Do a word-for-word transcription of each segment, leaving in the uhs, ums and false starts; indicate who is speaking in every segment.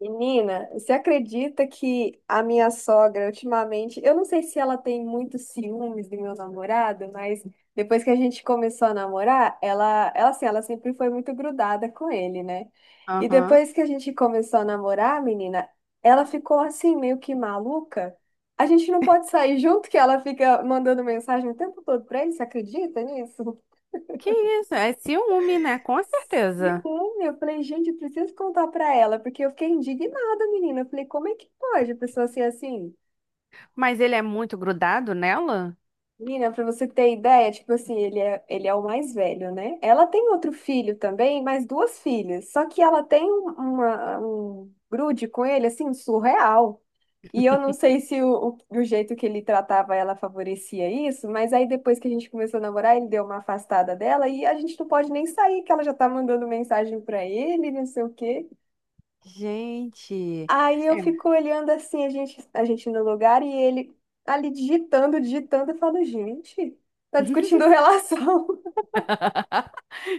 Speaker 1: Menina, você acredita que a minha sogra ultimamente, eu não sei se ela tem muitos ciúmes do meu namorado, mas depois que a gente começou a namorar, ela, ela assim, ela sempre foi muito grudada com ele, né? E
Speaker 2: Aham.
Speaker 1: depois que a gente começou a namorar, menina, ela ficou assim meio que maluca. A gente não pode sair junto que ela fica mandando mensagem o tempo todo pra ele, você acredita nisso?
Speaker 2: Que isso? É ciúme, né? Com
Speaker 1: E
Speaker 2: certeza.
Speaker 1: bom, eu falei, gente, eu preciso contar pra ela, porque eu fiquei indignada, menina. Eu falei, como é que pode a pessoa ser assim?
Speaker 2: Mas ele é muito grudado nela?
Speaker 1: Menina, pra você ter ideia, tipo assim, ele é, ele é o mais velho, né? Ela tem outro filho também, mais duas filhas. Só que ela tem um- uma, um grude com ele, assim, surreal. E eu não sei se o, o, o jeito que ele tratava ela favorecia isso, mas aí depois que a gente começou a namorar, ele deu uma afastada dela e a gente não pode nem sair, que ela já tá mandando mensagem pra ele, não sei o quê.
Speaker 2: Gente.
Speaker 1: Aí eu
Speaker 2: É.
Speaker 1: fico olhando assim, a gente, a gente no lugar e ele ali digitando, digitando, eu falo, gente, tá discutindo relação.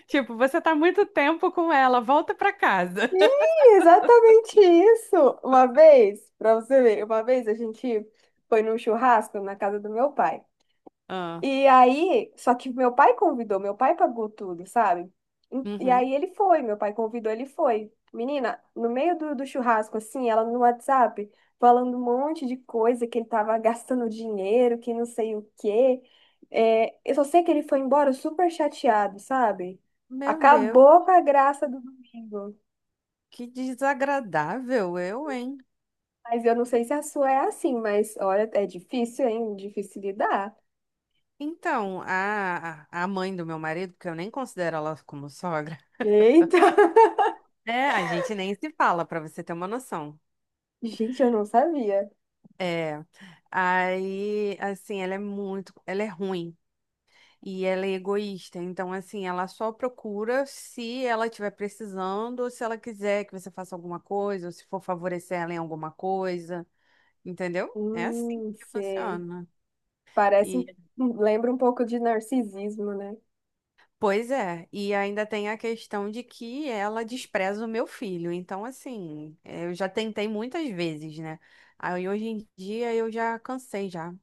Speaker 2: Tipo, você tá muito tempo com ela, volta pra casa.
Speaker 1: Ih, exatamente isso. Uma vez, pra você ver, uma vez a gente foi num churrasco na casa do meu pai.
Speaker 2: Ah.
Speaker 1: E aí, só que meu pai convidou, meu pai pagou tudo, sabe? E e
Speaker 2: Uhum.
Speaker 1: aí ele foi, meu pai convidou, ele foi. Menina, no meio do, do churrasco, assim, ela no WhatsApp, falando um monte de coisa, que ele tava gastando dinheiro, que não sei o quê. É, eu só sei que ele foi embora super chateado, sabe?
Speaker 2: Meu Deus,
Speaker 1: Acabou com a graça do domingo.
Speaker 2: que desagradável eu, hein?
Speaker 1: Mas eu não sei se a sua é assim, mas olha, é difícil, hein? Difícil lidar.
Speaker 2: Então, a, a a mãe do meu marido, que eu nem considero ela como sogra,
Speaker 1: Eita!
Speaker 2: é, a gente nem se fala, pra você ter uma noção.
Speaker 1: Gente, eu não sabia.
Speaker 2: É, aí, assim, ela é muito, ela é ruim. E ela é egoísta, então assim, ela só procura se ela estiver precisando, ou se ela quiser que você faça alguma coisa, ou se for favorecer ela em alguma coisa, entendeu? É assim
Speaker 1: Hum,
Speaker 2: que
Speaker 1: sei.
Speaker 2: funciona.
Speaker 1: Parece,
Speaker 2: E
Speaker 1: um, um, lembra um pouco de narcisismo, né?
Speaker 2: pois é, e ainda tem a questão de que ela despreza o meu filho. Então assim, é, eu já tentei muitas vezes, né? Aí hoje em dia eu já cansei já. Não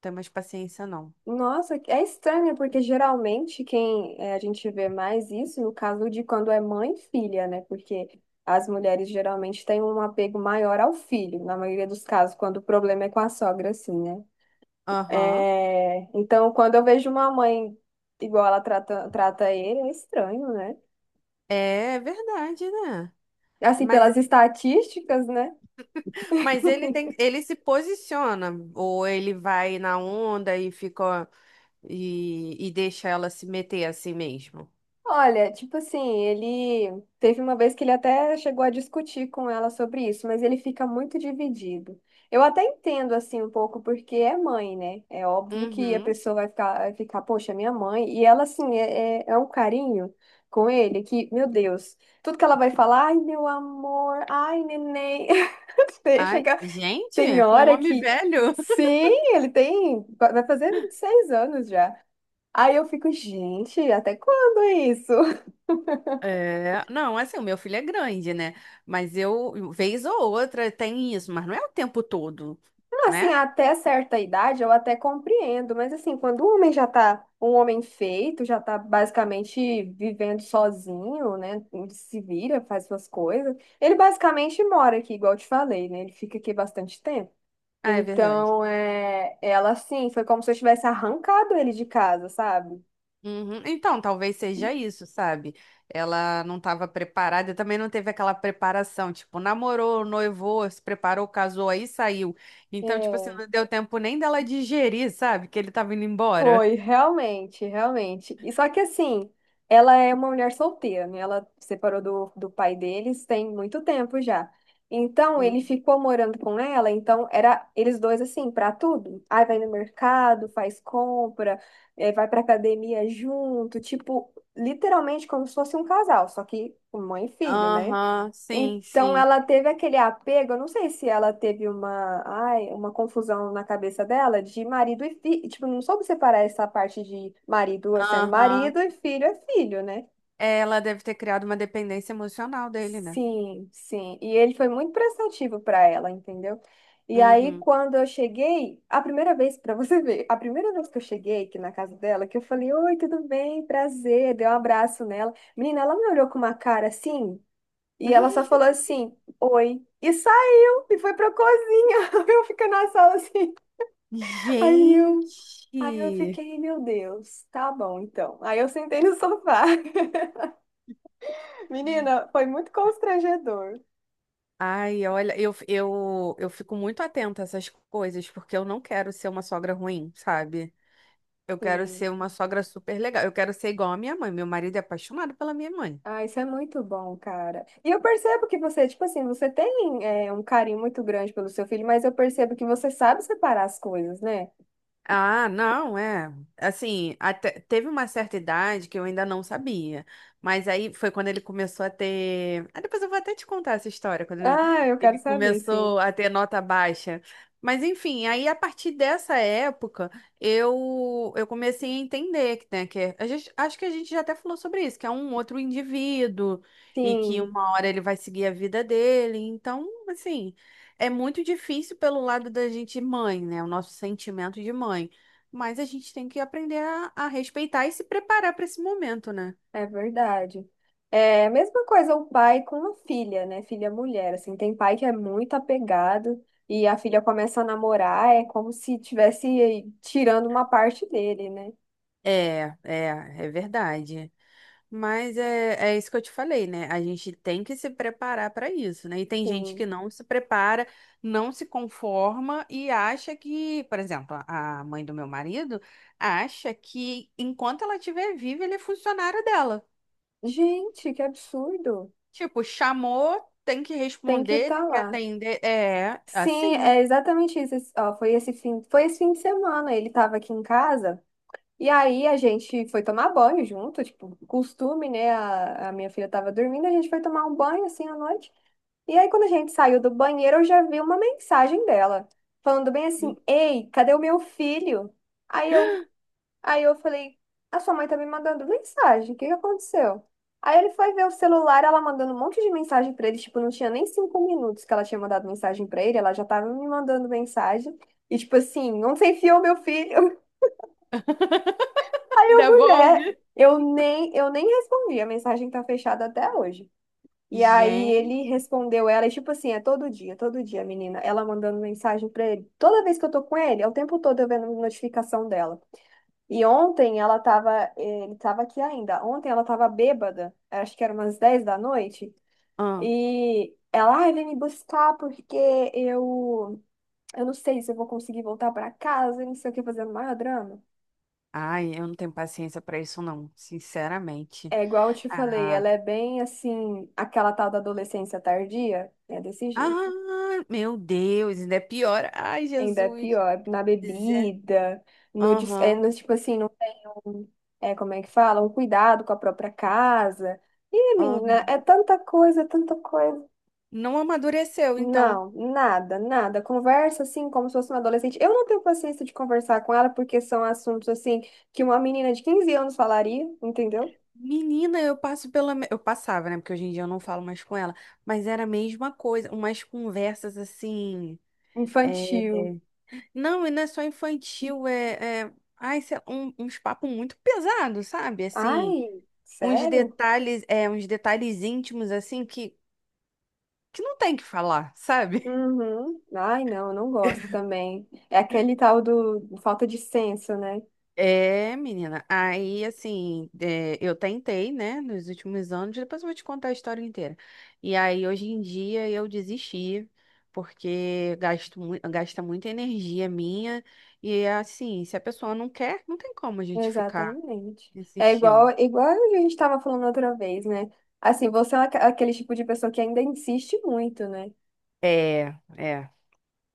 Speaker 2: tenho mais paciência não.
Speaker 1: Nossa, é estranho, porque geralmente quem eh, a gente vê mais isso no caso de quando é mãe e filha, né? Porque as mulheres geralmente têm um apego maior ao filho, na maioria dos casos, quando o problema é com a sogra, assim, né?
Speaker 2: Aham.
Speaker 1: É, então, quando eu vejo uma mãe igual ela trata, trata ele, é estranho, né?
Speaker 2: É verdade, né?
Speaker 1: Assim,
Speaker 2: Mas
Speaker 1: pelas estatísticas, né?
Speaker 2: Mas ele tem, ele se posiciona, ou ele vai na onda e fica e, e deixa ela se meter assim mesmo.
Speaker 1: Olha, tipo assim, ele teve uma vez que ele até chegou a discutir com ela sobre isso, mas ele fica muito dividido. Eu até entendo assim um pouco porque é mãe, né? É óbvio que a
Speaker 2: Uhum.
Speaker 1: pessoa vai ficar, vai ficar, poxa, minha mãe. E ela assim é, é, é um carinho com ele que, meu Deus, tudo que ela vai falar, ai meu amor, ai neném, deixa
Speaker 2: Ai,
Speaker 1: que...
Speaker 2: gente,
Speaker 1: Tem
Speaker 2: com um
Speaker 1: hora
Speaker 2: homem
Speaker 1: que
Speaker 2: velho?
Speaker 1: sim, ele tem, vai fazer vinte e seis anos já. Aí eu fico, gente, até quando é isso?
Speaker 2: É, não, assim, o meu filho é grande, né? Mas eu, vez ou outra, tem isso, mas não é o tempo todo, né?
Speaker 1: Assim, até certa idade eu até compreendo, mas assim, quando o homem já tá um homem feito, já tá basicamente vivendo sozinho, né? Se vira, faz suas coisas. Ele basicamente mora aqui, igual eu te falei, né? Ele fica aqui bastante tempo.
Speaker 2: Ah, é verdade.
Speaker 1: Então, é, ela assim, foi como se eu tivesse arrancado ele de casa, sabe?
Speaker 2: Uhum. Então, talvez seja isso, sabe? Ela não estava preparada e também não teve aquela preparação, tipo, namorou, noivou, se preparou, casou, aí saiu. Então, tipo assim,
Speaker 1: É.
Speaker 2: não deu tempo nem dela digerir, sabe? Que ele tava indo embora.
Speaker 1: Foi, realmente, realmente. E só que assim, ela é uma mulher solteira, né? Ela separou do, do pai deles tem muito tempo já. Então, ele
Speaker 2: Hum.
Speaker 1: ficou morando com ela, então era eles dois assim, pra tudo. Aí vai no mercado, faz compra, eh, vai pra academia junto, tipo, literalmente como se fosse um casal, só que mãe e filho, né?
Speaker 2: Aham, sim,
Speaker 1: Então
Speaker 2: sim.
Speaker 1: ela teve aquele apego, eu não sei se ela teve uma, ai, uma confusão na cabeça dela de marido e filho, tipo, não soube separar essa parte de marido sendo
Speaker 2: Aham.
Speaker 1: marido e filho é filho, né?
Speaker 2: É, ela deve ter criado uma dependência emocional dele, né?
Speaker 1: Sim, sim. E ele foi muito prestativo para ela, entendeu? E aí
Speaker 2: Uhum.
Speaker 1: quando eu cheguei, a primeira vez para você ver, a primeira vez que eu cheguei aqui na casa dela, que eu falei: "Oi, tudo bem? Prazer". Dei um abraço nela. Menina, ela me olhou com uma cara assim. E ela só falou assim, oi. E saiu e foi pra cozinha. Eu fico na sala assim. Aí eu, aí eu
Speaker 2: Gente!
Speaker 1: fiquei, meu Deus, tá bom então. Aí eu sentei no sofá. Menina, foi muito constrangedor.
Speaker 2: Ai, olha, eu, eu, eu fico muito atenta a essas coisas, porque eu não quero ser uma sogra ruim, sabe? Eu quero
Speaker 1: Sim.
Speaker 2: ser uma sogra super legal. Eu quero ser igual à minha mãe. Meu marido é apaixonado pela minha mãe.
Speaker 1: Ah, isso é muito bom, cara. E eu percebo que você, tipo assim, você tem é, um carinho muito grande pelo seu filho, mas eu percebo que você sabe separar as coisas, né?
Speaker 2: Ah, não, é. Assim, até, teve uma certa idade que eu ainda não sabia. Mas aí foi quando ele começou a ter. Ah, depois eu vou até te contar essa história, quando ele
Speaker 1: Ah, eu quero
Speaker 2: ele
Speaker 1: saber, sim.
Speaker 2: começou a ter nota baixa. Mas enfim, aí a partir dessa época eu, eu comecei a entender que, né, que é- a gente, acho que a gente já até falou sobre isso, que é um outro indivíduo e que
Speaker 1: Sim.
Speaker 2: uma hora ele vai seguir a vida dele. Então, assim. É muito difícil pelo lado da gente mãe, né? O nosso sentimento de mãe. Mas a gente tem que aprender a, a respeitar e se preparar para esse momento, né?
Speaker 1: É verdade. É a mesma coisa o pai com a filha, né? Filha mulher, assim, tem pai que é muito apegado e a filha começa a namorar, é como se tivesse tirando uma parte dele, né?
Speaker 2: É, é, é verdade. Mas é, é isso que eu te falei, né? A gente tem que se preparar para isso, né? E tem gente que
Speaker 1: Sim.
Speaker 2: não se prepara, não se conforma e acha que, por exemplo, a a mãe do meu marido acha que enquanto ela estiver viva, ele é funcionário dela.
Speaker 1: Gente, que absurdo.
Speaker 2: Tipo, chamou, tem que
Speaker 1: Tem que
Speaker 2: responder,
Speaker 1: estar
Speaker 2: tem que
Speaker 1: lá.
Speaker 2: atender. É,
Speaker 1: Sim,
Speaker 2: assim.
Speaker 1: é exatamente isso. Esse- ó, foi esse fim, foi esse fim de semana, ele estava aqui em casa. E aí a gente foi tomar banho junto, tipo, costume, né? A, a minha filha estava dormindo, a gente foi tomar um banho assim à noite. E aí, quando a gente saiu do banheiro, eu já vi uma mensagem dela, falando bem assim: Ei, cadê o meu filho? Aí eu, aí eu falei: A sua mãe tá me mandando mensagem, o que que aconteceu? Aí ele foi ver o celular, ela mandando um monte de mensagem pra ele, tipo, não tinha nem cinco minutos que ela tinha mandado mensagem pra ele, ela já tava me mandando mensagem. E tipo assim, onde você enfiou meu filho? Aí eu,
Speaker 2: Devolve.
Speaker 1: mulher, eu nem, eu nem respondi, a mensagem tá fechada até hoje. E aí ele
Speaker 2: Gente.
Speaker 1: respondeu ela, e tipo assim, é todo dia, todo dia, a menina, ela mandando mensagem pra ele. Toda vez que eu tô com ele, é o tempo todo eu vendo notificação dela. E ontem ela tava, ele tava aqui ainda. Ontem ela tava bêbada, acho que era umas dez da noite,
Speaker 2: Ah.
Speaker 1: e ela, ai, vem me buscar porque eu, eu não sei se eu vou conseguir voltar pra casa, e não sei o que, fazendo maior drama.
Speaker 2: Ai, eu não tenho paciência pra isso, não. Sinceramente.
Speaker 1: É igual eu te falei,
Speaker 2: Ah.
Speaker 1: ela é bem assim, aquela tal da adolescência tardia, é desse
Speaker 2: Ah,
Speaker 1: jeito.
Speaker 2: meu Deus, ainda é pior. Ai,
Speaker 1: Ainda é
Speaker 2: Jesus.
Speaker 1: pior, na
Speaker 2: Zé.
Speaker 1: bebida, no, des- é,
Speaker 2: Aham,
Speaker 1: no, tipo assim, não tem, é, como é que fala? Um cuidado com a própria casa. Ih, menina,
Speaker 2: aham.
Speaker 1: é tanta coisa, é tanta coisa.
Speaker 2: Não amadureceu, então.
Speaker 1: Não, nada, nada. Conversa assim como se fosse uma adolescente. Eu não tenho paciência de conversar com ela porque são assuntos assim que uma menina de quinze anos falaria, entendeu?
Speaker 2: Menina, eu passo pela. Me- Eu passava, né? Porque hoje em dia eu não falo mais com ela. Mas era a mesma coisa. Umas conversas assim. É,
Speaker 1: Infantil.
Speaker 2: não, e não é só infantil, é, é... Ai, sei lá, um- uns papos muito pesados, sabe? Assim,
Speaker 1: Ai,
Speaker 2: uns
Speaker 1: sério?
Speaker 2: detalhes, é, uns detalhes íntimos, assim, que, que não tem que falar, sabe?
Speaker 1: Uhum. Ai, não, eu não gosto também. É aquele tal do falta de senso, né?
Speaker 2: É, menina, aí assim, é, eu tentei, né, nos últimos anos, depois eu vou te contar a história inteira. E aí, hoje em dia, eu desisti, porque gasto, mui- gasta muita energia minha, e assim, se a pessoa não quer, não tem como a gente ficar
Speaker 1: Exatamente. É igual,
Speaker 2: insistindo.
Speaker 1: igual a gente estava falando outra vez, né? Assim, você é aque- aquele tipo de pessoa que ainda insiste muito, né?
Speaker 2: É, é.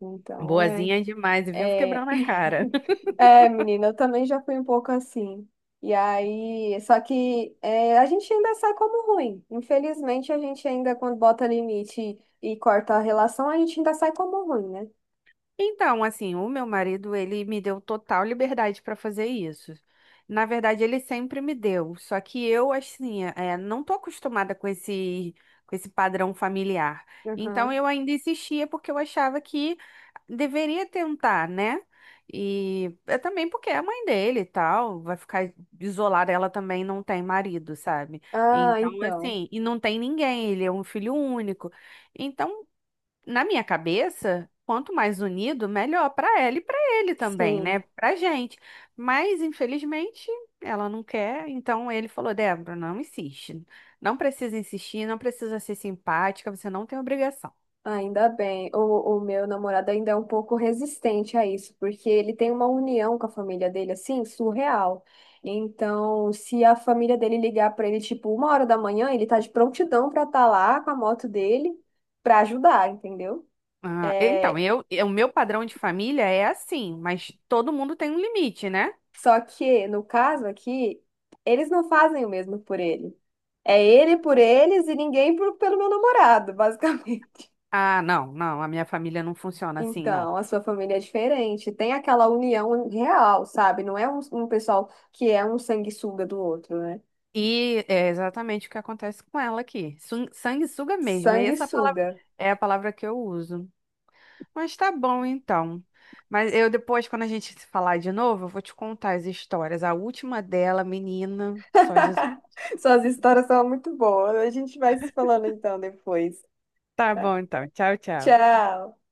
Speaker 1: Então, é,
Speaker 2: Boazinha demais, viu?
Speaker 1: é,
Speaker 2: Quebrando a cara.
Speaker 1: é, menina, eu também já fui um pouco assim. E aí, só que é, a gente ainda sai como ruim. Infelizmente, a gente ainda, quando bota limite e corta a relação, a gente ainda sai como ruim, né?
Speaker 2: Então, assim, o meu marido, ele me deu total liberdade para fazer isso. Na verdade, ele sempre me deu, só que eu, assim, é, não tô acostumada com esse, com esse padrão familiar. Então,
Speaker 1: Aham.
Speaker 2: eu ainda insistia porque eu achava que deveria tentar, né? E é também porque é a mãe dele e tal, vai ficar isolada, ela também não tem marido, sabe?
Speaker 1: Ah,
Speaker 2: Então,
Speaker 1: então.
Speaker 2: assim, e não tem ninguém, ele é um filho único. Então, na minha cabeça, quanto mais unido, melhor para ela e para ele também, né?
Speaker 1: Sim.
Speaker 2: Pra gente. Mas, infelizmente, ela não quer. Então ele falou: "Débora, não insiste. Não precisa insistir, não precisa ser simpática, você não tem obrigação."
Speaker 1: Ainda bem. O, o meu namorado ainda é um pouco resistente a isso, porque ele tem uma união com a família dele, assim, surreal. Então, se a família dele ligar para ele, tipo, uma hora da manhã, ele tá de prontidão para estar lá com a moto dele para ajudar, entendeu?
Speaker 2: Ah, então,
Speaker 1: É,
Speaker 2: eu, eu- o meu padrão de família é assim, mas todo mundo tem um limite, né?
Speaker 1: só que, no caso aqui, eles não fazem o mesmo por ele. É ele por eles e ninguém por- pelo meu namorado, basicamente.
Speaker 2: Ah, não, não, a minha família não funciona assim, não.
Speaker 1: Então, a sua família é diferente. Tem aquela união real, sabe? Não é um, um pessoal que é um sanguessuga do outro, né?
Speaker 2: E é exatamente o que acontece com ela aqui. Sun- Sanguessuga mesmo, é essa palavra,
Speaker 1: Sanguessuga.
Speaker 2: é a palavra que eu uso. Mas tá bom então. Mas eu depois, quando a gente se falar de novo, eu vou te contar as histórias. A última dela, menina, só Jesus.
Speaker 1: Suas histórias são muito boas. A gente vai se falando então depois.
Speaker 2: Tá
Speaker 1: Tá?
Speaker 2: bom então. Tchau, tchau.
Speaker 1: Tchau.